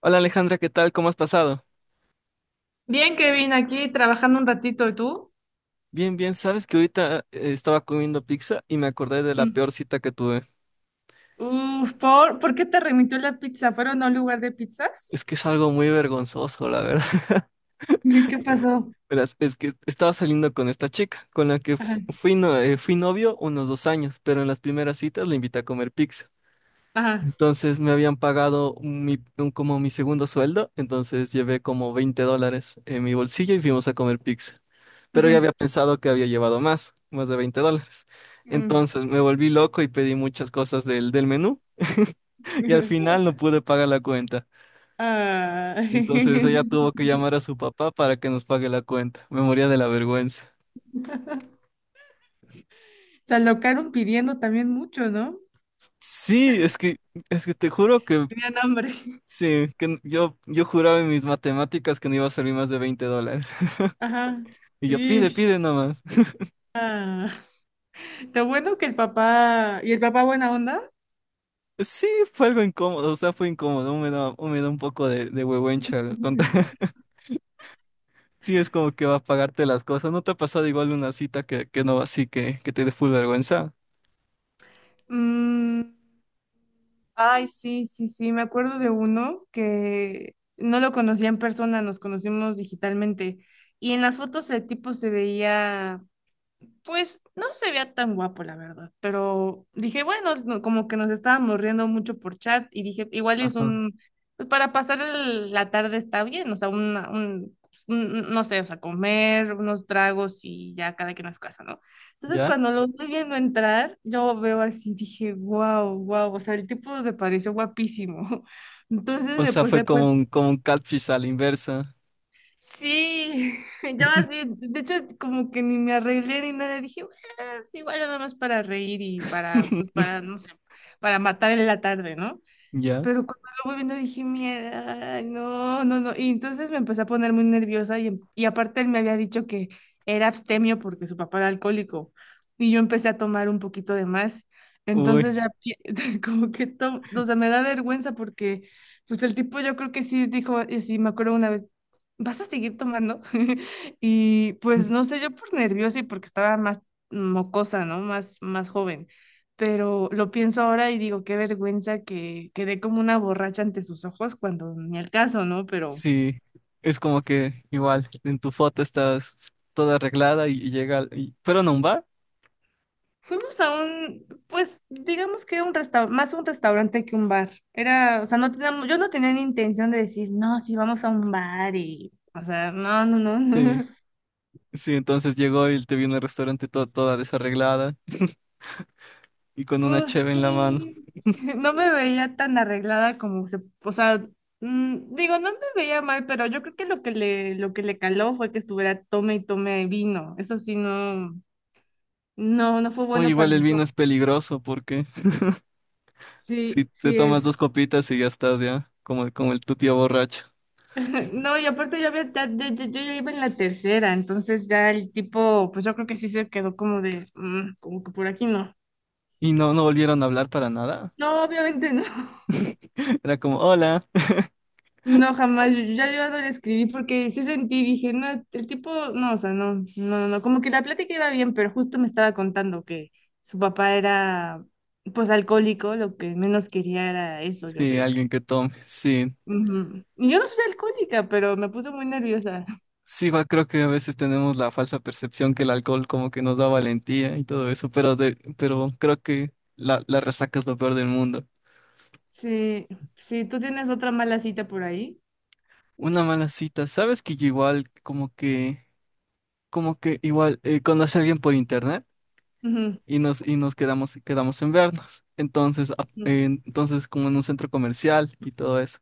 Hola Alejandra, ¿qué tal? ¿Cómo has pasado? Bien, Kevin, aquí trabajando un ratito, ¿y tú? Bien, bien, sabes que ahorita estaba comiendo pizza y me acordé de la Mm. peor cita que tuve. Uf, ¿por qué te remitió la pizza? ¿Fueron a un lugar de pizzas? Es que es algo muy vergonzoso, la verdad. ¿Qué pasó? Verás, es que estaba saliendo con esta chica, con la que Ajá, fu- fui, no- fui novio unos 2 años, pero en las primeras citas le invité a comer pizza. ajá. Entonces me habían pagado como mi segundo sueldo, entonces llevé como $20 en mi bolsillo y fuimos a comer pizza. Pero yo Ujú, había pensado que había llevado más de $20. mm. Entonces me volví loco y pedí muchas cosas del menú y al final no pude pagar la cuenta. Ah, Entonces ella tuvo que llamar a su papá para que nos pague la cuenta. Me moría de la vergüenza. se alocaron pidiendo también mucho, ¿no? Sí, es que te juro que Tenían hambre. sí, que yo juraba en mis matemáticas que no iba a salir más de $20. Ajá. Y yo, pide, Ish, pide nomás. ah. Lo bueno que el papá... ¿Y el papá buena onda? Sí, fue algo incómodo, o sea, fue incómodo, me da un poco de huehuencha contar. Sí, es como que va a pagarte las cosas. ¿No te ha pasado igual una cita que no así que te dé full vergüenza? Mm, ay, sí, sí, sí, me acuerdo de uno que no lo conocía en persona, nos conocimos digitalmente y en las fotos el tipo se veía, pues no se veía tan guapo, la verdad, pero dije, bueno, como que nos estábamos riendo mucho por chat y dije, igual es Ajá. un, pues para pasar la tarde está bien, o sea, un, pues, no sé, o sea, comer unos tragos y ya cada quien a su casa, ¿no? Entonces ¿Ya? cuando lo estoy viendo entrar, yo veo así, dije, wow, wow, o sea, el tipo me pareció guapísimo. Entonces O me sea, puse fue a como como un catfish a la inversa. sí, yo así, de hecho, como que ni me arreglé ni nada, dije, "Bueno, sí, igual nada más para reír y para, pues, para, no sé, para matar en la tarde, ¿no? ¿Ya? Pero cuando lo voy viendo dije, mierda, ay, no, no, no". Y entonces me empecé a poner muy nerviosa y, y aparte él me había dicho que era abstemio porque su papá era alcohólico y yo empecé a tomar un poquito de más. Uy. Entonces ya como que o sea, me da vergüenza porque, pues el tipo yo creo que sí dijo, y sí, me acuerdo una vez, ¿vas a seguir tomando? Y pues no sé, yo por nerviosa y porque estaba más mocosa, ¿no? Más joven, pero lo pienso ahora y digo, qué vergüenza que quedé como una borracha ante sus ojos cuando ni al caso, ¿no? Pero Sí, es como que igual en tu foto estás toda arreglada y llega, pero no un bar. fuimos a un, pues digamos que era un restaurante, más un restaurante que un bar. Era, o sea, no teníamos, yo no tenía ni intención de decir, no, sí, vamos a un bar y, o sea, no, no, no, Sí, no. sí, entonces llegó y te vino al restaurante toda desarreglada y con una Pues cheve en la mano. sí, no me veía tan arreglada como se, o sea, digo, no me veía mal, pero yo creo que lo que le caló fue que estuviera tome y tome vino. Eso sí, no, no, no fue O bueno igual para el sus vino ojos. es peligroso porque si Sí, te sí tomas dos es. copitas y ya estás ya, como, como el tu tío borracho. No, y aparte yo había, yo ya iba en la tercera, entonces ya el tipo, pues yo creo que sí se quedó como de, "Mm, como que por aquí no". Y no, no volvieron a hablar para nada. No, obviamente no. Era como, hola. No, jamás. Yo ya yo no le escribí porque sí sentí, dije, no, el tipo, no, o sea, no, no, no, no, como que la plática iba bien, pero justo me estaba contando que su papá era, pues, alcohólico, lo que menos quería era eso, yo Sí, creo. alguien que tome. Sí, Ujú. Y yo no soy alcohólica, pero me puse muy nerviosa. sí, igual creo que a veces tenemos la falsa percepción que el alcohol como que nos da valentía y todo eso, pero, de, pero creo que la resaca es lo peor del mundo. Sí, sí, tú tienes otra mala cita por ahí. Una mala cita, ¿sabes que yo igual como que, igual conocí a alguien por internet Ujú, y nos quedamos en vernos? Entonces, a- ujú. eh, entonces como en un centro comercial y todo eso.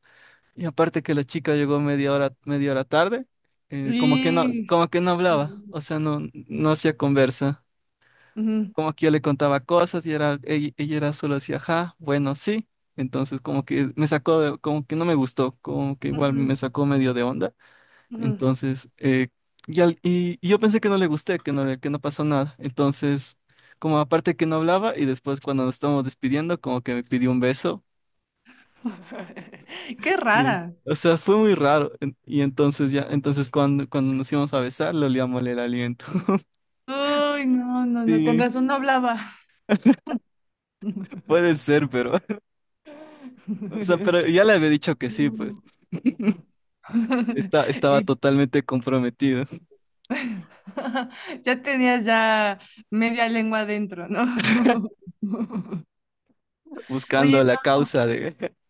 Y aparte que la chica llegó media hora tarde, como que no, Y- como que no qué hablaba, horrible. o sea, no, no hacía conversa. Ujú, Como que yo le contaba cosas y era, ella era solo así, ajá, bueno, sí. Entonces como que me sacó como que no me gustó, como que igual me ujú, sacó medio de onda. ujú. Entonces, y yo pensé que no le gusté, que no pasó nada. Entonces, como aparte que no hablaba y después cuando nos estábamos despidiendo, como que me pidió un beso. Qué Sí. rara. O sea, fue muy raro. Y entonces ya, entonces cuando nos íbamos a besar, le olía mal el aliento. Uy, no, no, no, con Sí, razón no hablaba. puede ser, pero, o sea, pero ya le había dicho que sí, pues. No. Está estaba Y totalmente comprometido, ya tenías ya media lengua adentro, ¿no? buscando Oye, la no, causa de...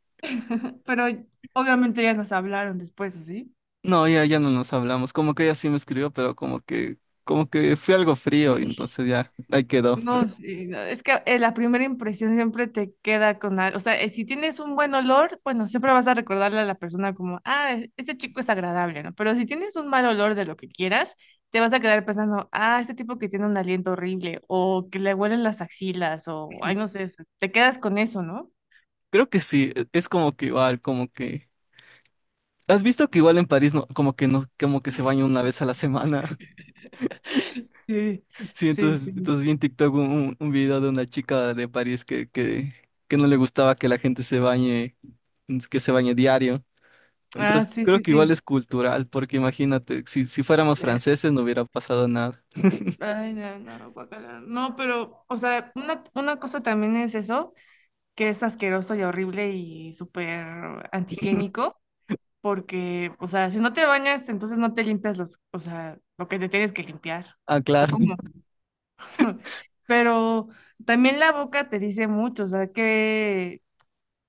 pero obviamente ya nos hablaron después, ¿o sí? No, ya, ya no nos hablamos. Como que ella sí me escribió, pero como que fue algo frío y entonces ya, ahí quedó. No, sí, no, es que la primera impresión siempre te queda con algo, o sea, si tienes un buen olor, bueno, siempre vas a recordarle a la persona como, ah, este chico es agradable, ¿no? Pero si tienes un mal olor de lo que quieras, te vas a quedar pensando, ah, este tipo que tiene un aliento horrible, o que le huelen las axilas, o, ay, no sé, o sea, te quedas con eso, ¿no? Creo que sí, es como que igual, como que... ¿Has visto que igual en París no, como que no, como que se baña una vez a la semana? Sí, Sí, sí, entonces, sí. entonces vi en TikTok un video de una chica de París que no le gustaba que la gente se bañe, que se bañe diario. Ah, Entonces, sí, creo sí, que igual sí. es cultural, porque imagínate, si fuéramos Eh, franceses no hubiera pasado nada. ay, no, no, guácala. No, pero, o sea, una cosa también es eso, que es asqueroso y horrible y súper antihigiénico, porque, o sea, si no te bañas, entonces no te limpias los, o sea, lo que te tienes que limpiar, Ah, o claro. cómo. Pero también la boca te dice mucho, o sea, que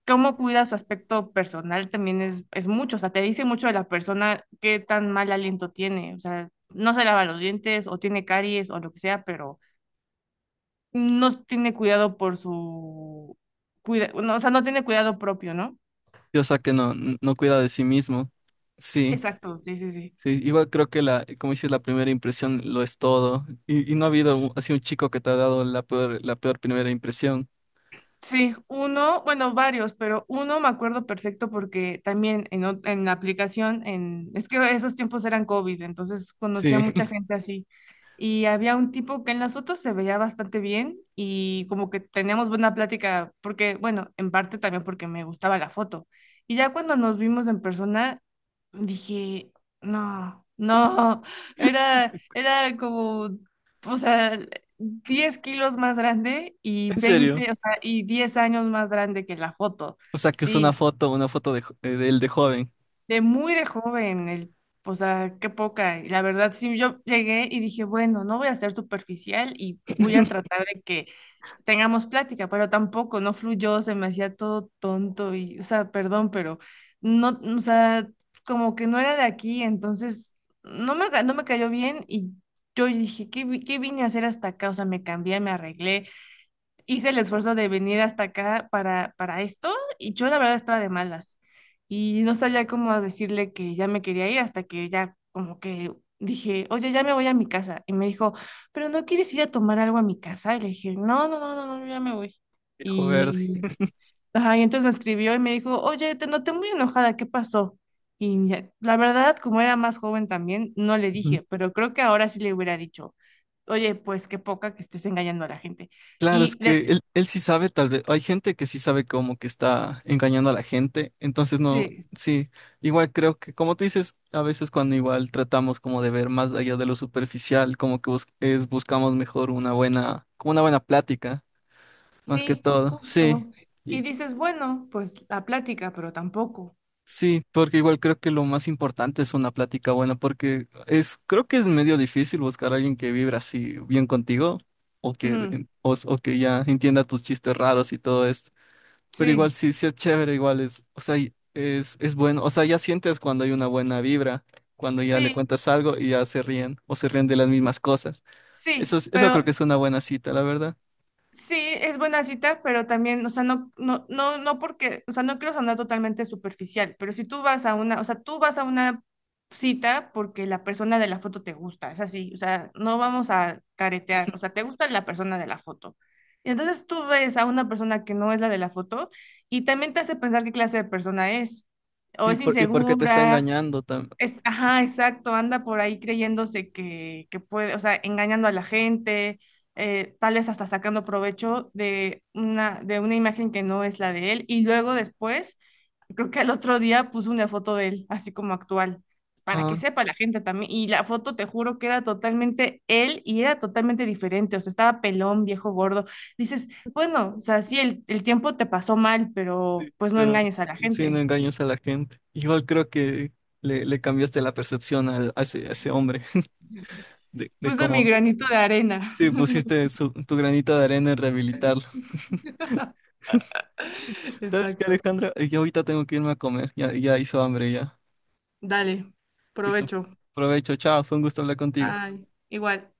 cómo cuida su aspecto personal también es mucho, o sea, te dice mucho de la persona qué tan mal aliento tiene, o sea, no se lava los dientes o tiene caries o lo que sea, pero no tiene cuidado por su, cuida, no, o sea, no tiene cuidado propio, ¿no? Y, o sea que no, no cuida de sí mismo. Sí, Exacto, sí, sí, sí. sí, igual creo que la, como dices, la primera impresión lo es todo. Y no ha habido así un chico que te ha dado la peor primera impresión. Sí, uno, bueno, varios, pero uno me acuerdo perfecto porque también en, en la aplicación, en, es que esos tiempos eran COVID, entonces conocía Sí, mucha gente así. Y había un tipo que en las fotos se veía bastante bien y como que teníamos buena plática, porque, bueno, en parte también porque me gustaba la foto. Y ya cuando nos vimos en persona, dije, no, no, era, era como, o sea, 10 kilos más grande y en serio. 20, o sea, y 10 años más grande que la foto. O sea que es una Sí, foto, una foto de él de joven, de muy de joven, el, o sea, qué poca. Y la verdad, sí, yo llegué y dije, bueno, no voy a ser superficial y voy a tratar de que tengamos plática, pero tampoco, no fluyó, se me hacía todo tonto y, o sea, perdón, pero no, o sea, como que no era de aquí, entonces no me, no me cayó bien y yo dije, ¿qué, qué vine a hacer hasta acá? O sea, me cambié, me arreglé, hice el esfuerzo de venir hasta acá para esto, y yo la verdad estaba de malas y no sabía cómo decirle que ya me quería ir hasta que ya como que dije, oye, ya me voy a mi casa. Y me dijo, pero ¿no quieres ir a tomar algo a mi casa? Y le dije, no, no, no, no, no, yo ya me voy. viejo verde. Y, ajá, y entonces me escribió y me dijo, oye, te noté muy enojada, ¿qué pasó? Y la verdad, como era más joven también, no le Ujú. dije, pero creo que ahora sí le hubiera dicho, oye, pues qué poca que estés engañando a la gente. Claro, es Y que él sí sabe, tal vez. Hay gente que sí sabe como que está engañando a la gente. Entonces, no, sí, sí. Igual creo que, como tú dices, a veces cuando igual tratamos como de ver más allá de lo superficial, como que buscamos mejor una buena, como una buena plática, más que sí, todo. Sí. justo. Y Y dices, bueno, pues la plática, pero tampoco. sí, porque igual creo que lo más importante es una plática buena, porque creo que es medio difícil buscar a alguien que vibra así bien contigo, o que, Ujú, o que ya entienda tus chistes raros y todo esto. Pero igual sí, sí, sí es chévere, igual es, o sea, es bueno, o sea, ya sientes cuando hay una buena vibra, cuando ya le sí, cuentas algo y ya se ríen o se ríen de las mismas cosas. Eso sí, eso creo que pero es una buena cita, la verdad. sí, es buena cita, pero también, o sea, no, no, no, no porque, o sea, no quiero sonar totalmente superficial, pero si tú vas a una, o sea, tú vas a una cita porque la persona de la foto te gusta, es así, o sea, no vamos a caretear, o sea, te gusta la persona de la foto. Y entonces tú ves a una persona que no es la de la foto y también te hace pensar qué clase de persona es, o Sí, es porque te está insegura, engañando también. es, ajá, exacto, anda por ahí creyéndose que puede, o sea, engañando a la gente, tal vez hasta sacando provecho de una imagen que no es la de él. Y luego después, creo que al otro día puso una foto de él, así como actual, para que Ah, sepa la gente también. Y la foto, te juro que era totalmente él y era totalmente diferente, o sea, estaba pelón, viejo, gordo. Dices, bueno, o sea, sí, el tiempo te pasó mal, pero sí, pues no pero engañes a la sí, no gente. engañas a la gente. Igual creo que le cambiaste la percepción a ese hombre de Puse mi cómo, granito de arena. sí, pusiste tu granito de arena en rehabilitarlo. ¿Sabes qué, Exacto. Alejandra? Yo ahorita tengo que irme a comer, ya, ya hizo hambre ya. Dale, Listo. provecho. Provecho, chao. Fue un gusto hablar contigo. Ay, igual.